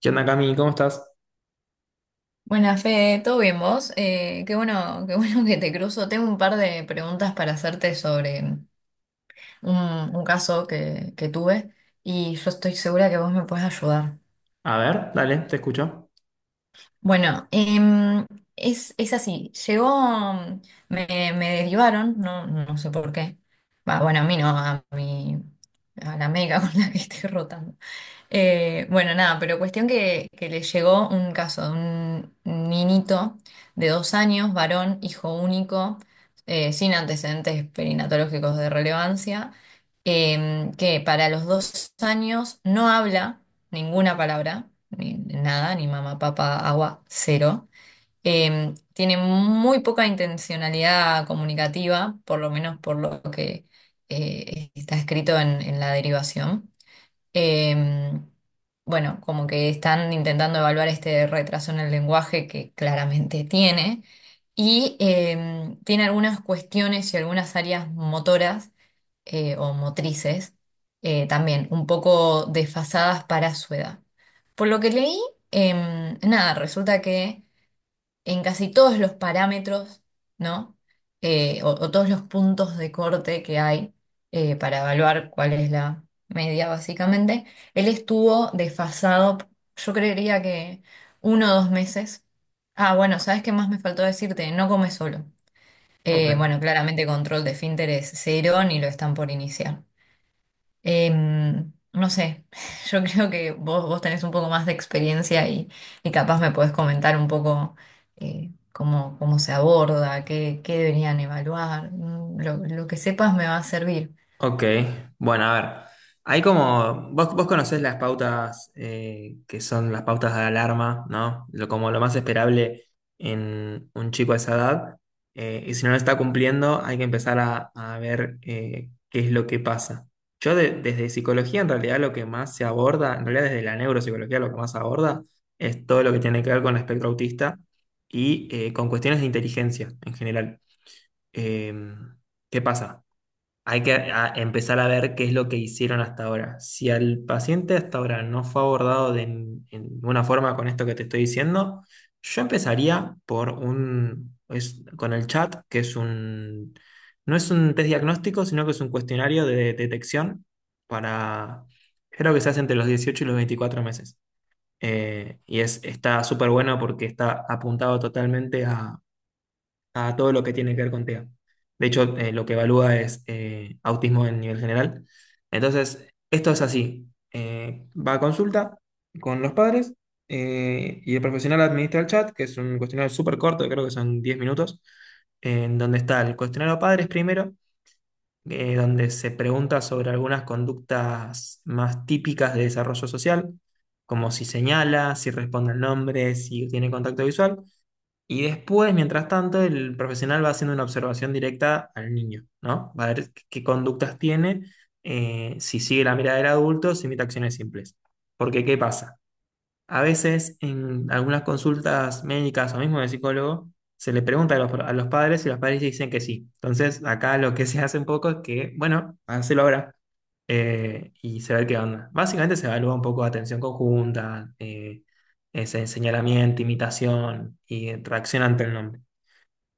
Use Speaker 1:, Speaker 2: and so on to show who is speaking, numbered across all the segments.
Speaker 1: ¿Qué onda, Cami? ¿Cómo estás?
Speaker 2: Buenas, Fede, ¿todo bien vos? Qué bueno, qué bueno que te cruzo. Tengo un par de preguntas para hacerte sobre un caso que tuve y yo estoy segura que vos me podés ayudar.
Speaker 1: A ver, dale, te escucho.
Speaker 2: Bueno, es así, llegó, me, me derivaron, no sé por qué. Va, bueno, a mí no, a mi, a la médica con la que estoy rotando. Bueno, nada, pero cuestión que le llegó un caso de un niñito de 2 años, varón, hijo único, sin antecedentes perinatológicos de relevancia, que para los 2 años no habla ninguna palabra, ni nada, ni mamá, papá, agua, cero. Tiene muy poca intencionalidad comunicativa, por lo menos por lo que está escrito en la derivación. Em, bueno, como que están intentando evaluar este retraso en el lenguaje que claramente tiene y tiene algunas cuestiones y algunas áreas motoras o motrices también un poco desfasadas para su edad. Por lo que leí, nada, resulta que en casi todos los parámetros, ¿no? O todos los puntos de corte que hay para evaluar cuál es la media, básicamente, él estuvo desfasado, yo creería que uno o dos meses. Ah, bueno, ¿sabes qué más me faltó decirte? No come solo.
Speaker 1: Ok.
Speaker 2: Bueno, claramente control de esfínteres cero, ni lo están por iniciar. Em, no sé, yo creo que vos tenés un poco más de experiencia y capaz me podés comentar un poco cómo se aborda, qué deberían evaluar. Lo que sepas me va a servir.
Speaker 1: Ok, bueno, a ver. Hay como, vos conocés las pautas que son las pautas de alarma, ¿no? Como lo más esperable en un chico a esa edad. Y si no lo está cumpliendo, hay que empezar a ver qué es lo que pasa. Yo desde psicología, en realidad, lo que más se aborda, en realidad desde la neuropsicología, lo que más se aborda es todo lo que tiene que ver con el espectro autista y con cuestiones de inteligencia en general. Em, ¿Qué pasa? Hay que empezar a ver qué es lo que hicieron hasta ahora. Si al paciente hasta ahora no fue abordado de en ninguna forma con esto que te estoy diciendo, yo empezaría por un, con el chat, que es un, no es un test diagnóstico, sino que es un cuestionario de detección para, creo que se hace entre los 18 y los 24 meses. Y es, está súper bueno porque está apuntado totalmente a todo lo que tiene que ver con TEA. De hecho, lo que evalúa es autismo en nivel general. Entonces, esto es así. Va a consulta con los padres y el profesional administra el chat, que es un cuestionario súper corto, creo que son 10 minutos, en donde está el cuestionario padres primero, donde se pregunta sobre algunas conductas más típicas de desarrollo social, como si señala, si responde el nombre, si tiene contacto visual. Y después, mientras tanto, el profesional va haciendo una observación directa al niño, ¿no? Va a ver qué conductas tiene, si sigue la mirada del adulto, si imita acciones simples. Porque, ¿qué pasa? A veces en algunas consultas médicas o mismo de psicólogo se le pregunta a a los padres y los padres dicen que sí. Entonces acá lo que se hace un poco es que, bueno, hacelo ahora y se ve qué onda. Básicamente se evalúa un poco atención conjunta, ese señalamiento, imitación y reacción ante el nombre.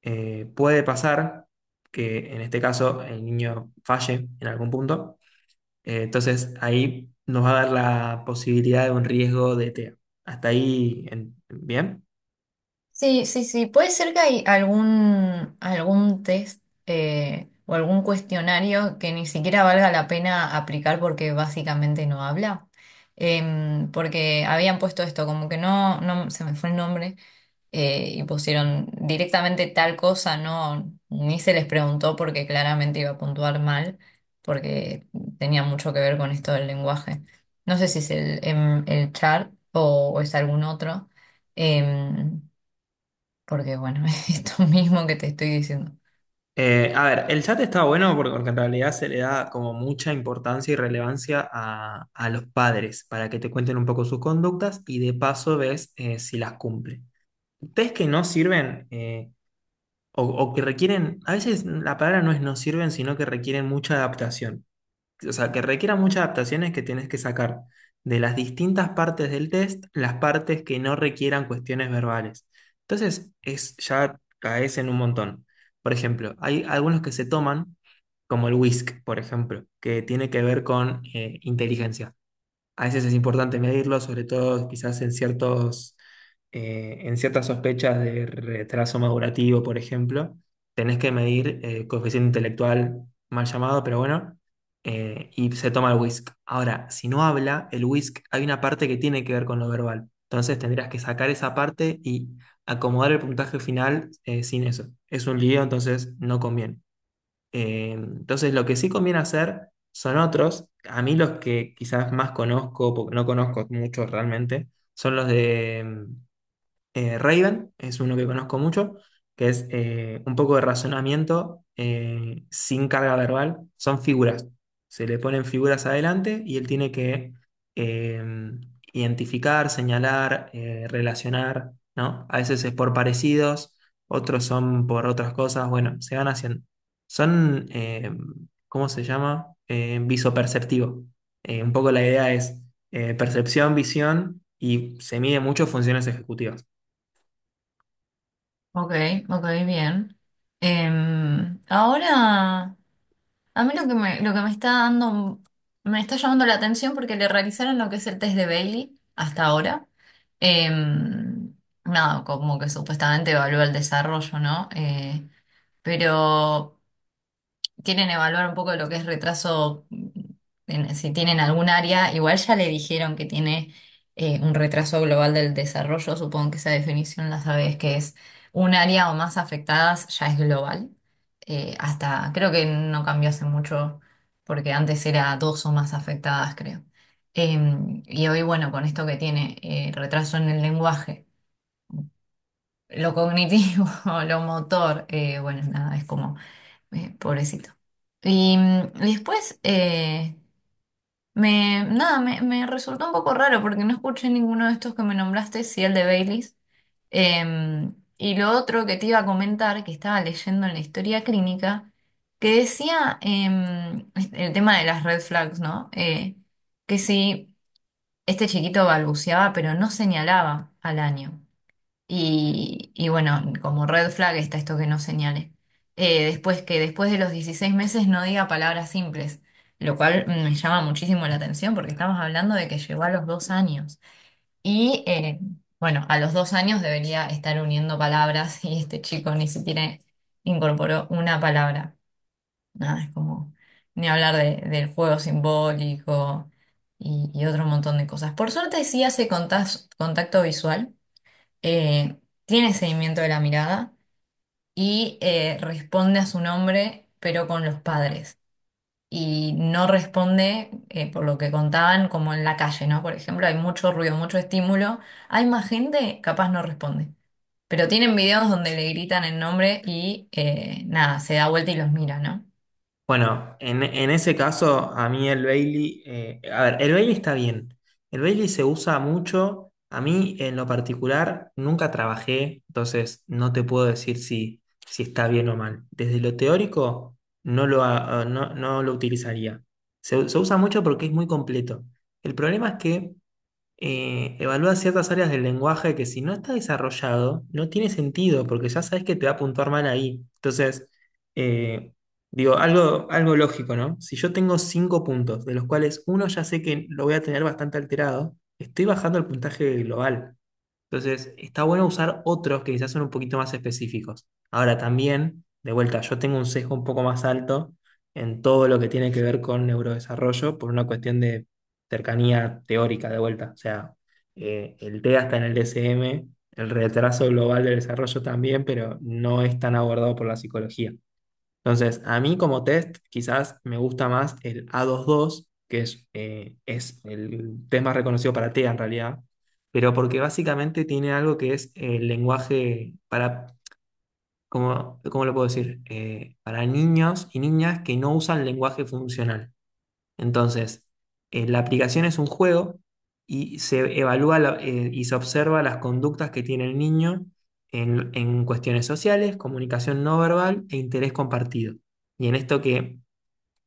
Speaker 1: Puede pasar que en este caso el niño falle en algún punto entonces ahí nos va a dar la posibilidad de un riesgo de TEA. Hasta ahí, bien.
Speaker 2: Sí, sí, sí. Puede ser que hay algún test o algún cuestionario que ni siquiera valga la pena aplicar porque básicamente no habla. Em, porque habían puesto esto, como que no, no, se me fue el nombre, y pusieron directamente tal cosa, no, ni se les preguntó porque claramente iba a puntuar mal, porque tenía mucho que ver con esto del lenguaje. No sé si es el char o es algún otro. Em, porque bueno, es esto mismo que te estoy diciendo.
Speaker 1: A ver, el chat está bueno porque en realidad se le da como mucha importancia y relevancia a los padres para que te cuenten un poco sus conductas y de paso ves si las cumplen. Test que no sirven o que requieren, a veces la palabra no es no sirven, sino que requieren mucha adaptación. O sea, que requiera muchas adaptaciones que tienes que sacar de las distintas partes del test, las partes que no requieran cuestiones verbales. Entonces, es, ya caes en un montón. Por ejemplo, hay algunos que se toman, como el WISC, por ejemplo, que tiene que ver con inteligencia. A veces es importante medirlo, sobre todo quizás en ciertos, en ciertas sospechas de retraso madurativo, por ejemplo. Tenés que medir coeficiente intelectual, mal llamado, pero bueno, y se toma el WISC. Ahora, si no habla, el WISC hay una parte que tiene que ver con lo verbal. Entonces tendrías que sacar esa parte y acomodar el puntaje final sin eso. Es un lío, entonces no conviene. Entonces, lo que sí conviene hacer son otros. A mí los que quizás más conozco, porque no conozco muchos realmente, son los de Raven, es uno que conozco mucho, que es un poco de razonamiento sin carga verbal, son figuras. Se le ponen figuras adelante y él tiene que eh, identificar, señalar, relacionar, ¿no? A veces es por parecidos, otros son por otras cosas, bueno, se van haciendo. Son, ¿cómo se llama? Visoperceptivo. Un poco la idea es percepción, visión y se mide mucho funciones ejecutivas.
Speaker 2: Ok, ok, bien. Em, ahora, a mí lo que lo que me está dando, me está llamando la atención porque le realizaron lo que es el test de Bailey hasta ahora. Em, nada, como que supuestamente evalúa el desarrollo, ¿no? Pero quieren evaluar un poco lo que es retraso, mm, en- si tienen algún área, igual ya le dijeron que tiene un retraso global del desarrollo, supongo que esa definición la sabes, que es un área o más afectadas ya es global. Hasta creo que no cambió hace mucho, porque antes era dos o más afectadas, creo. Em, y hoy, bueno, con esto que tiene retraso en el lenguaje, lo cognitivo, lo motor, bueno, nada, es como... pobrecito. Y mm, después, me, nada, me resultó un poco raro porque no escuché ninguno de estos que me nombraste, sí el de Baileys. Em, y lo otro que te iba a comentar, que estaba leyendo en la historia clínica, que decía em, el tema de las red flags, ¿no? Que si este chiquito balbuceaba, pero no señalaba al año. Y bueno, como red flag está esto que no señale. Después que después de los 16 meses no diga palabras simples, lo cual me llama muchísimo la atención porque estamos hablando de que llegó a los 2 años. Y bueno, a los dos años debería estar uniendo palabras y este chico ni siquiera incorporó una palabra. Nada, es como ni hablar de- del juego simbólico y otro montón de cosas. Por suerte sí hace contas- contacto visual eh, tiene seguimiento de la mirada y responde a su nombre, pero con los padres. Y no responde, por lo que contaban, como en la calle, ¿no? Por ejemplo, hay mucho ruido, mucho estímulo. Hay más gente, capaz no responde. Pero tienen videos donde le gritan el nombre y nada, se da vuelta y los mira, ¿no?
Speaker 1: Bueno, en ese caso, a mí el Bailey, a ver, el Bailey está bien. El Bailey se usa mucho. A mí, en lo particular, nunca trabajé, entonces no te puedo decir si, si está bien o mal. Desde lo teórico, no, no lo utilizaría. Se usa mucho porque es muy completo. El problema es que evalúa ciertas áreas del lenguaje que si no está desarrollado, no tiene sentido, porque ya sabes que te va a puntuar mal ahí. Entonces, eh, digo, algo, algo lógico, ¿no? Si yo tengo cinco puntos, de los cuales uno ya sé que lo voy a tener bastante alterado, estoy bajando el puntaje global. Entonces, está bueno usar otros que quizás son un poquito más específicos. Ahora también, de vuelta, yo tengo un sesgo un poco más alto en todo lo que tiene que ver con neurodesarrollo por una cuestión de cercanía teórica de vuelta. O sea, el TEA está en el DSM, el retraso global del desarrollo también, pero no es tan abordado por la psicología. Entonces, a mí como test quizás me gusta más el A22, que es el test más reconocido para TEA en realidad, pero porque básicamente tiene algo que es el lenguaje para... ¿¿Cómo lo puedo decir? Para niños y niñas que no usan lenguaje funcional. Entonces, la aplicación es un juego y se evalúa y se observa las conductas que tiene el niño en cuestiones sociales, comunicación no verbal e interés compartido. Y en esto que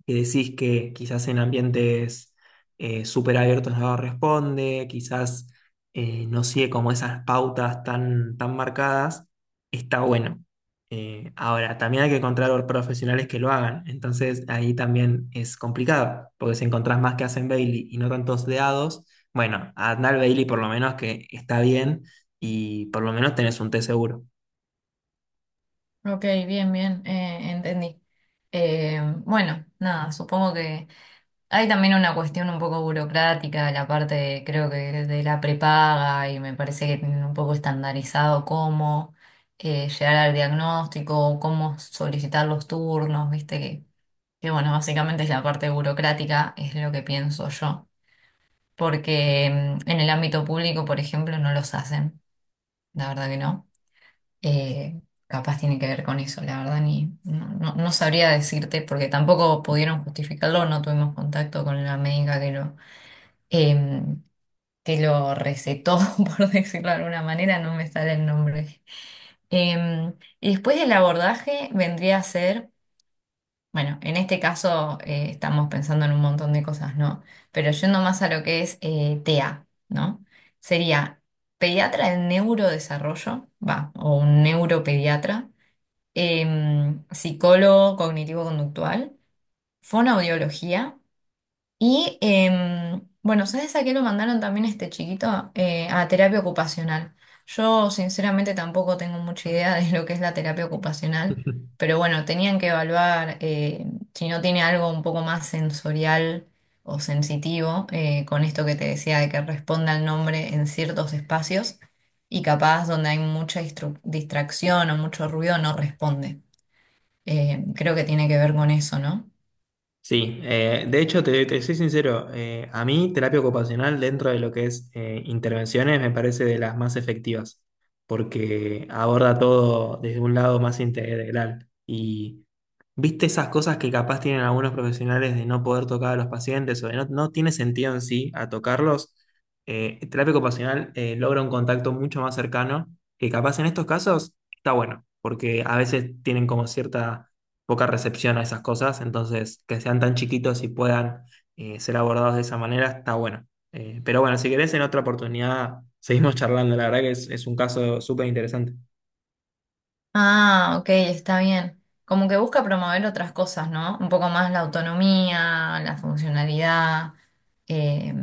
Speaker 1: que decís que quizás en ambientes súper abiertos no responde, quizás no sigue como esas pautas tan, tan marcadas, está bueno. Ahora, también hay que encontrar profesionales que lo hagan, entonces ahí también es complicado, porque si encontrás más que hacen Bailey y no tantos deados, bueno, Adnal Bailey por lo menos que está bien y por lo menos tenés un té seguro.
Speaker 2: Ok, bien, bien, entendí. Bueno, nada, supongo que hay también una cuestión un poco burocrática, la parte de- creo que de la prepaga y me parece que tienen un poco estandarizado cómo llegar al diagnóstico, cómo solicitar los turnos, viste que bueno, básicamente es la parte burocrática, es lo que pienso yo, porque mm, en el ámbito público, por ejemplo, no los hacen, la verdad que no. Eh, capaz tiene que ver con eso, la verdad, ni no, no no sabría decirte porque tampoco pudieron justificarlo, no tuvimos contacto con la médica que lo em, que lo recetó, por decirlo de alguna manera, no me sale el nombre. Em, y después del abordaje vendría a ser, bueno, en este caso estamos pensando en un montón de cosas, ¿no? Pero yendo más a lo que es TEA, ¿no? Sería pediatra en neurodesarrollo, va, o un neuropediatra, em, psicólogo cognitivo-conductual, fonoaudiología y em, bueno, ¿sabes a qué lo mandaron también este chiquito? A terapia ocupacional. Yo sinceramente tampoco tengo mucha idea de lo que es la terapia ocupacional, pero bueno, tenían que evaluar si no tiene algo un poco más sensorial o sensitivo con esto que te decía de que responda al nombre en ciertos espacios y capaz donde hay mucha distru- distracción o mucho ruido no responde. Creo que tiene que ver con eso, ¿no?
Speaker 1: Sí, de hecho, te soy sincero, a mí terapia ocupacional dentro de lo que es intervenciones me parece de las más efectivas, porque aborda todo desde un lado más integral. Y viste esas cosas que capaz tienen algunos profesionales de no poder tocar a los pacientes o de no tiene sentido en sí a tocarlos, terapia ocupacional logra un contacto mucho más cercano, que capaz en estos casos está bueno, porque a veces tienen como cierta poca recepción a esas cosas, entonces que sean tan chiquitos y puedan ser abordados de esa manera está bueno. Pero bueno, si querés en otra oportunidad seguimos charlando, la verdad que es un caso súper interesante.
Speaker 2: Ah, ok, está bien. Como que busca promover otras cosas, ¿no? Un poco más la autonomía, la funcionalidad. Eh,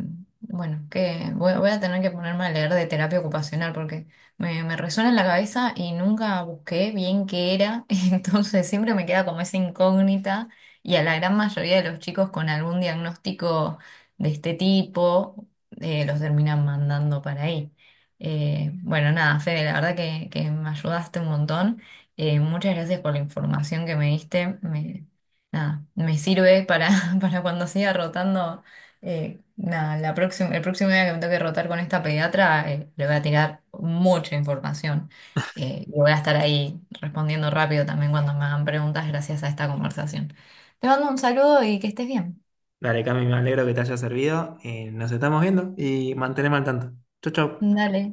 Speaker 2: bueno, que voy a tener que ponerme a leer de terapia ocupacional porque me resuena en la cabeza y nunca busqué bien qué era. Entonces siempre me queda como esa incógnita y a la gran mayoría de los chicos con algún diagnóstico de este tipo los terminan mandando para ahí. Bueno, nada, Fede, la verdad que me ayudaste un montón. Muchas gracias por la información que me diste. Me, nada, me sirve para, para cuando siga rotando. Eh, nada, la próxima, el próximo día que me toque rotar con esta pediatra, le voy a tirar mucha información. Y voy a estar ahí respondiendo rápido también cuando me hagan preguntas gracias a esta conversación. Te mando un saludo y que estés bien.
Speaker 1: Dale, Cami, me alegro que te haya servido, nos estamos viendo y mantenemos al tanto. Chau, chau.
Speaker 2: Dale.